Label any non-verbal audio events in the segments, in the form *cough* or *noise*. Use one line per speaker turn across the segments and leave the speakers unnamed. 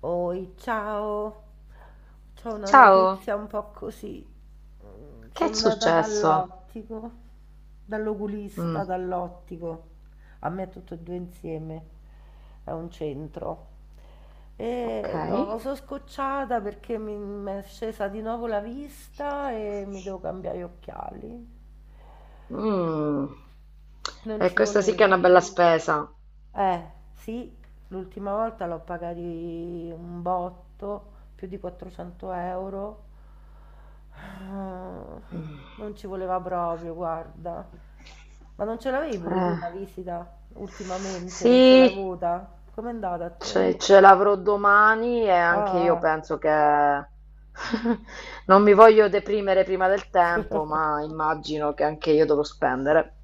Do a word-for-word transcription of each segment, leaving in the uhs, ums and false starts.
Oi, ciao, c'ho una notizia
Ciao,
un po' così. Mm,
che è
Sono andata
successo?
dall'ottico, dall'oculista,
Mm,
dall'ottico, a me tutto e due insieme, è un centro.
ok.
E no, sono scocciata perché mi mi è scesa di nuovo la vista e mi devo cambiare gli occhiali.
Mm.
Non
E
ci
questa sì che è una
voleva.
bella spesa.
Eh, sì, l'ultima volta l'ho pagati un botto, più di quattrocento euro. Ah,
Mm,
non ci voleva proprio, guarda. Ma non ce l'avevi pure tu
eh.
una visita ultimamente?
Sì,
Non ce l'hai avuta? Com'è andata a te?
ce, ce l'avrò domani e
Ah,
anche io
ah.
penso che *laughs* non mi voglio deprimere prima del tempo,
*laughs*
ma immagino che anche io dovrò spendere.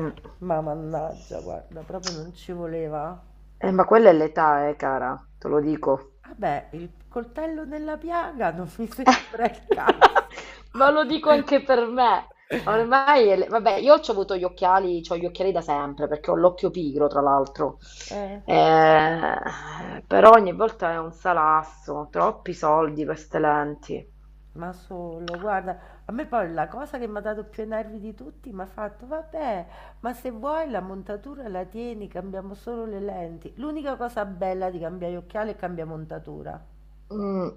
Mm.
Ma mannaggia, guarda, proprio non ci voleva.
Eh, ma quella è l'età, eh, cara, te lo dico.
Vabbè, il coltello nella piaga non mi *laughs* sembra il caso.
*laughs* Ma lo dico anche per me.
*laughs*
Ormai, è le- vabbè, io ho avuto gli occhiali, c'ho gli occhiali da sempre perché ho l'occhio pigro, tra l'altro.
Eh,
Eh, però ogni volta è un salasso, troppi soldi per ste lenti.
ma solo, guarda, a me poi la cosa che mi ha dato più i nervi di tutti mi ha fatto, vabbè, ma se vuoi la montatura la tieni, cambiamo solo le lenti. L'unica cosa bella di cambiare occhiali è cambiare montatura.
Mm,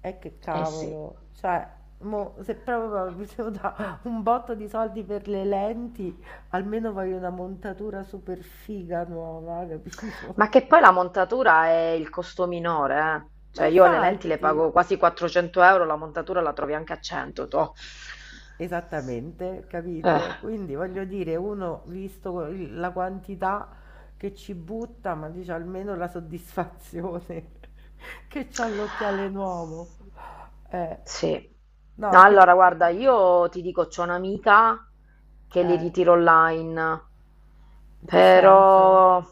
E che
eh sì.
cavolo, cioè, mo, se proprio mi devo dare *laughs* un botto di soldi per le lenti, almeno voglio una montatura super figa nuova, capito?
Ma che poi la montatura è il costo minore, eh.
*laughs* Ma
Cioè io le lenti le
infatti...
pago quasi quattrocento euro, la montatura la trovi anche a cento, toh.
Esattamente,
Eh.
capito? Quindi voglio dire, uno visto il- la quantità che ci butta, ma dice almeno la soddisfazione *laughs* che c'ho l'occhiale nuovo. Eh,
Sì.
no,
No,
anche
allora
perché...
guarda, io ti dico, c'ho un'amica che li
eh,
ritiro online,
in che senso?
però...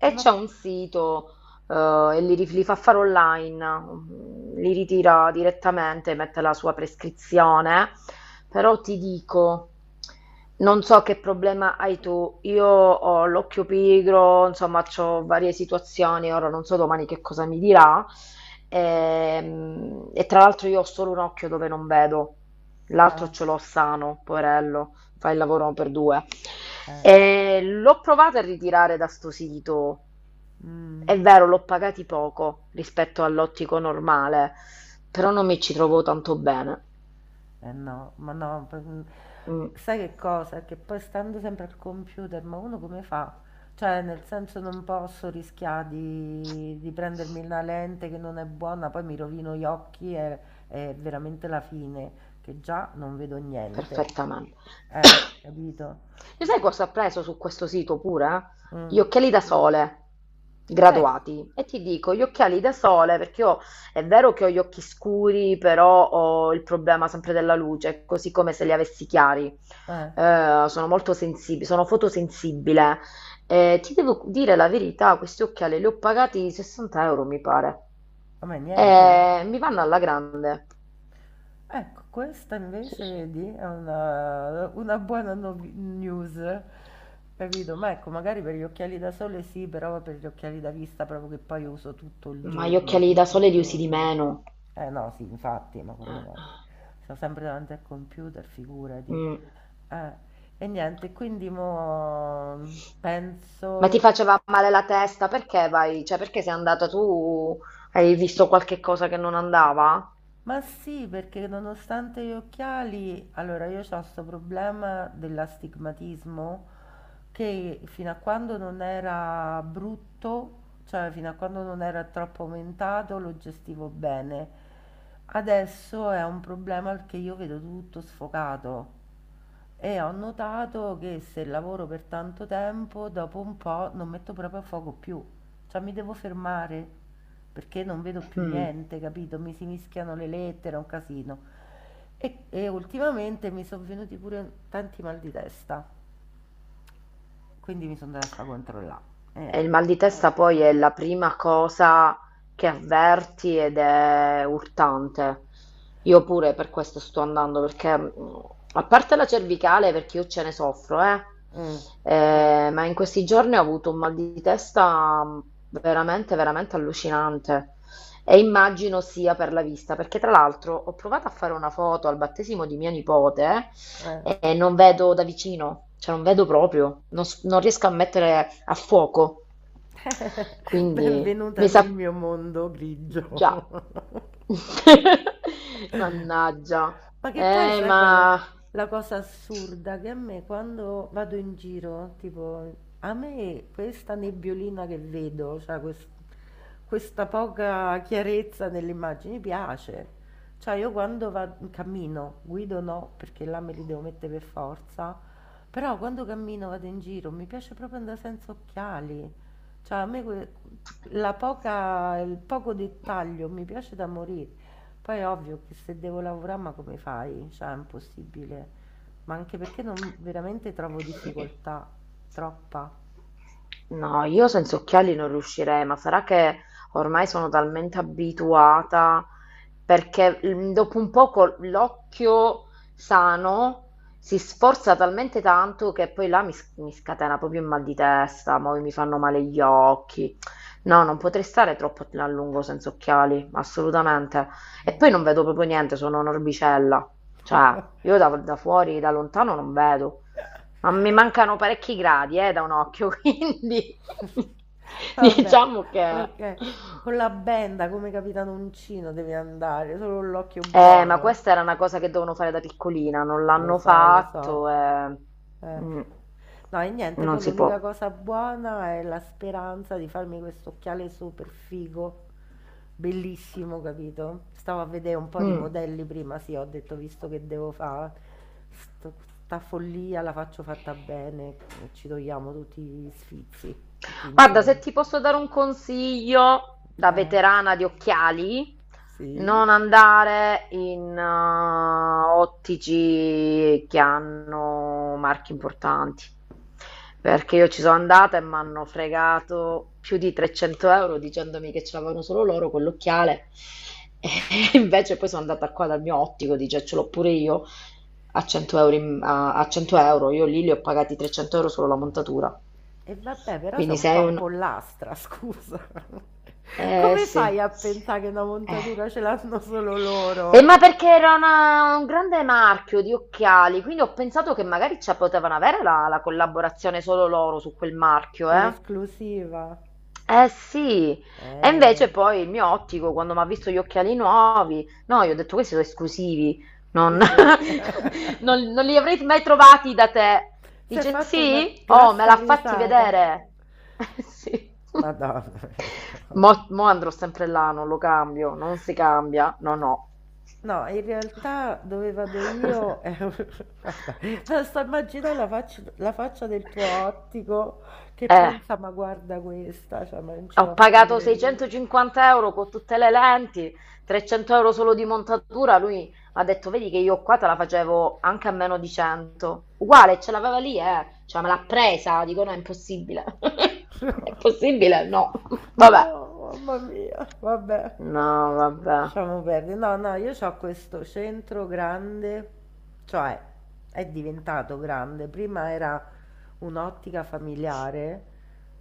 E
Non
c'è
ho...
un sito eh, e li, rif- li fa fare online, mm, li ritira direttamente, mette la sua prescrizione, però ti dico, non so che problema hai tu, io ho l'occhio pigro, insomma, ho varie situazioni, ora non so domani che cosa mi dirà. Ehm, e tra l'altro io ho solo un occhio dove non vedo, l'altro
Ah,
ce l'ho sano, poverello, fa il lavoro per due.
eh,
E l'ho provato a ritirare da sto sito,
mm.
è vero, l'ho pagati poco rispetto all'ottico normale, però non mi ci trovo tanto bene.
Eh no, ma no, p mhmm,
Mm.
sai che cosa? Che poi stando sempre al computer, ma uno come fa? Cioè, nel senso non posso rischià di di prendermi una lente che non è buona, poi mi rovino gli occhi e è veramente la fine, che già non vedo niente.
Perfettamente.
Eh, capito?
*coughs* Lo sai cosa ho preso su questo sito pure? Gli
Mh.
occhiali da sole
Ecco.
graduati. E ti dico, gli occhiali da sole, perché io è vero che ho gli occhi scuri, però ho il problema sempre della luce, così come se li avessi chiari.
Eh.
Eh, sono molto sensibile, sono fotosensibile. Eh, ti devo dire la verità, questi occhiali li ho pagati sessanta euro, mi pare.
A me niente?
Eh, mi vanno alla grande.
Ecco, questa
Sì,
invece
sì.
vedi, è una una buona novi news, capito? Ma ecco, magari per gli occhiali da sole sì, però per gli occhiali da vista proprio che poi uso tutto il
Ma gli
giorno,
occhiali da
tutti i
sole li usi di
giorni.
meno.
Eh no, sì, infatti, ma quando
Eh,
mai? Sto sempre davanti al computer, figurati.
mm.
Eh, e niente, quindi mo
Ma ti
penso.
faceva male la testa? Perché vai? Cioè, perché sei andata tu? Hai visto qualche cosa che non andava?
Ma sì, perché nonostante gli occhiali, allora io ho questo problema dell'astigmatismo che fino a quando non era brutto, cioè fino a quando non era troppo aumentato, lo gestivo bene. Adesso è un problema perché io vedo tutto sfocato. E ho notato che se lavoro per tanto tempo, dopo un po' non metto proprio a fuoco più. Cioè mi devo fermare perché non vedo più
Mm.
niente, capito? Mi si mischiano le lettere, è un casino. E, e ultimamente mi sono venuti pure tanti mal di testa, quindi mi sono andata a fare controllare. E
E il
ecco.
mal di testa poi è la prima cosa che avverti ed è urtante. Io pure per questo sto andando, perché mh, a parte la cervicale, perché io ce ne soffro, eh,
Mm,
eh, ma in questi giorni ho avuto un mal di testa mh, veramente, veramente allucinante. E immagino sia per la vista, perché tra l'altro ho provato a fare una foto al battesimo di mia nipote
eh.
eh, non vedo da vicino, cioè non vedo proprio, non, s- non riesco a mettere a fuoco.
*laughs*
Quindi
Benvenuta
mi sa
nel mio mondo
già.
grigio. *laughs*
*laughs* Mannaggia.
Ma che poi
Eh,
sai qual è
ma
la cosa assurda? Che a me quando vado in giro, tipo, a me questa nebbiolina che vedo, cioè quest- questa poca chiarezza nelle immagini piace. Cioè io quando vado, cammino, guido no, perché là me li devo mettere per forza, però quando cammino vado in giro mi piace proprio andare senza occhiali. Cioè a me que- la poca, il poco dettaglio mi piace da morire. Poi è ovvio che se devo lavorare, ma come fai? Cioè, è impossibile. Ma anche perché non veramente trovo difficoltà, troppa.
no, io senza occhiali non riuscirei, ma sarà che ormai sono talmente abituata, perché mm, dopo un poco l'occhio sano si sforza talmente tanto che poi là mi, s- mi scatena proprio il mal di testa, poi mi fanno male gli occhi. No, non potrei stare troppo a lungo senza occhiali, assolutamente. E poi non
Mm.
vedo proprio niente, sono un'orbicella. Cioè,
*laughs*
io da da fuori, da lontano non vedo. Ma mi mancano parecchi gradi, eh, da un occhio, *laughs* quindi *laughs*
Vabbè,
diciamo che...
ok. Con la benda come Capitanuncino devi andare, solo l'occhio
Eh, ma
buono.
questa era una cosa che dovevano fare da piccolina, non
Lo
l'hanno
so, lo so.
fatto, eh.
Eh.
Mm,
No e niente,
non
poi
si
l'unica
può.
cosa buona è la speranza di farmi questo occhiale super figo, bellissimo, capito? Stavo a vedere un po' di
Mm.
modelli prima, sì, ho detto visto che devo fare sta follia, la faccio fatta bene, e ci togliamo tutti gli sfizi, tutti
Guarda, se
insieme.
ti posso dare un consiglio da
Eh,
veterana di occhiali,
sì.
non andare in eh, ottici che hanno marchi importanti, perché io ci sono andata e mi hanno fregato più di trecento euro dicendomi che ce l'avevano solo loro quell'occhiale. *laughs* E invece poi sono andata qua dal mio ottico, dice ce l'ho pure io, a cento euro, in- a, a cento euro. Io lì li ho pagati trecento euro solo la montatura.
E vabbè, però sei
Quindi
un
sei
po'
un...
pollastra, scusa. *laughs*
Eh
Come
sì.
fai a
Sì.
pensare che una
Eh.
montatura ce l'hanno solo
E ma
loro?
perché era una- un grande marchio di occhiali, quindi ho pensato che magari ci potevano avere la, la collaborazione solo loro su quel marchio, eh?
L'esclusiva?
Eh sì, e
Eh,
invece poi il mio ottico, quando mi ha visto gli occhiali nuovi, no, io ho detto questi sono esclusivi,
sì,
non,
sì. *laughs*
*laughs* non- non li avrei mai trovati da te.
Si è
Dice
fatta una
sì? Oh, me
grassa
l'ha fatti
risata.
vedere. *laughs* Eh, sì.
Madonna.
Mo, mo andrò sempre là, non lo cambio, non si cambia, no, no.
No, in realtà dove vado
*laughs*
io, eh, *laughs* vabbè, basta immaginare la faccia, la faccia del tuo ottico che
Eh.
pensa, ma guarda questa, cioè, ma non ci
Ho
posso
pagato
credere.
seicentocinquanta euro con tutte le lenti, trecento euro solo di montatura. Lui ha detto: Vedi che io qua te la facevo anche a meno di cento. Uguale, ce l'aveva lì, eh. Cioè, me l'ha presa. Dico: No, è impossibile. *laughs* È possibile? No. *laughs* Vabbè.
No, mamma mia, vabbè,
No, vabbè.
lasciamo perdere. No, no, io ho questo centro grande, cioè è diventato grande. Prima era un'ottica familiare,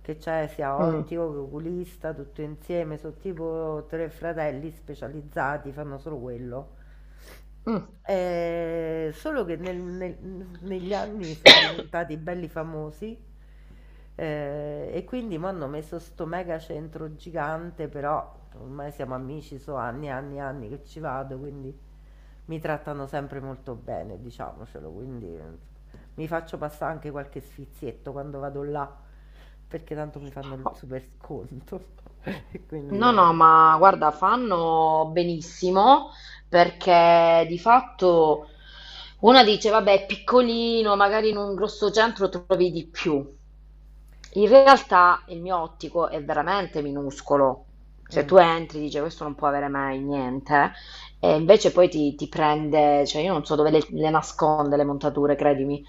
che c'è sia
Mm.
ottico che oculista, tutto insieme, sono tipo tre fratelli specializzati, fanno solo quello.
Mm.
Ehm, solo che nel nel n negli anni son
*coughs*
diventati belli famosi, ehm, e quindi m'hanno messo 'sto mega centro gigante, però ormai siamo amici, so' anni e anni e anni che ci vado, quindi mi trattano sempre molto bene, diciamocelo, quindi eh, mi faccio passà anche qualche sfizietto quando vado là, perché tanto mi fanno il
Oh,
super sconto *laughs* e quindi
no, no,
vabbè.
ma guarda, fanno benissimo perché di fatto una dice, vabbè, è piccolino, magari in un grosso centro trovi di più. In realtà il mio ottico è veramente minuscolo. Cioè
Mh.
tu entri, dice, questo non può avere mai niente, e invece poi ti, ti prende, cioè io non so dove le, le nasconde le montature, credimi.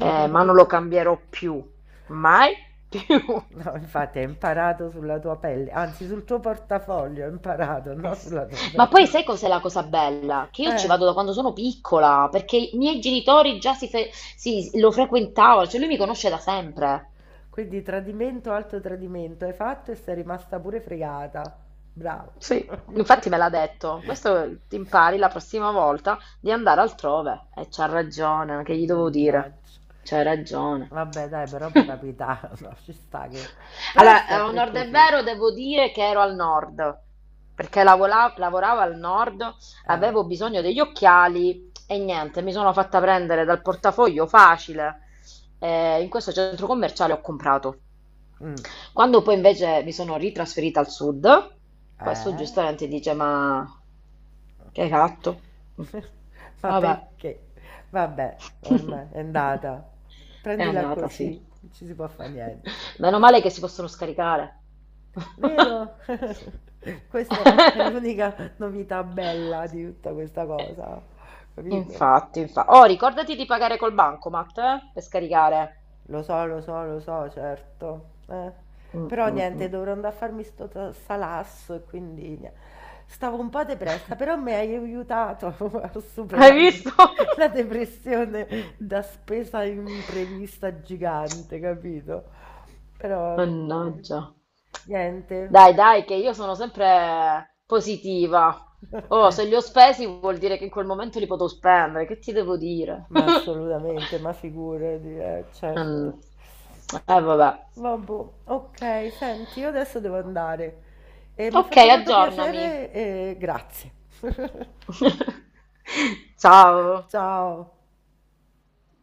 Eh,
*laughs*
ma non lo cambierò più, mai più.
No, infatti
*laughs*
hai imparato sulla tua pelle, anzi sul tuo portafoglio hai imparato,
Eh
no
sì.
sulla tua
Ma poi
pelle.
sai cos'è la cosa
*laughs*
bella? Che io ci
Eh,
vado da quando sono piccola, perché i miei genitori già si, fe- si- lo frequentavano, cioè lui mi conosce da sempre.
quindi tradimento, alto tradimento, hai fatto e sei rimasta pure fregata. Bravo.
Sì, infatti
*laughs*
me l'ha detto. Questo ti impari la prossima volta di andare altrove. E c'ha ragione, che gli devo dire?
Mannaggia.
C'hai ragione.
Vabbè, dai, però può
*laughs*
capitare, *laughs* no, ci sta che... Però è
Allora, eh, a
sempre
onor del
così.
vero, devo dire che ero al nord, perché lavola- lavoravo al nord,
Eh.
avevo bisogno degli occhiali e niente, mi sono fatta prendere dal portafoglio facile. eh, in questo centro commerciale ho comprato.
Mm,
Quando poi invece mi sono ritrasferita al sud, questo
eh.
giustamente dice: Ma che hai fatto? Mm.
*laughs* Ma
Vabbè.
perché? Vabbè, ormai è
*laughs*
andata.
È
Prendila
andata,
così,
sì.
non ci si può fare niente.
Meno male che si possono scaricare.
Vero? *laughs* Questa è
*laughs*
l'unica novità bella di tutta questa cosa, capito?
Infatti. infa- Oh, ricordati di pagare col bancomat, eh, per scaricare.
Lo so, lo so, lo so, certo. Eh.
Mm,
Però
mm,
niente,
mm.
dovrò andare a farmi sto ta- salasso e quindi nie- stavo un po' depressa, però mi hai aiutato *laughs* a
Hai
superare
visto? *laughs*
la depressione da spesa imprevista gigante, capito? Però vabbè, dai,
Mannaggia.
niente.
Dai, dai, che io sono sempre positiva. Oh, se
*laughs*
li ho spesi vuol dire che in quel momento li potevo spendere. Che ti devo dire?
Ma assolutamente,
*laughs*
ma figurati, eh,
Mm.
certo.
Eh, vabbè.
Vabbò, ok, senti, io adesso devo andare. Eh, mi ha
Ok,
fatto tanto piacere
aggiornami.
e grazie. *laughs*
*laughs* Ciao.
Ciao.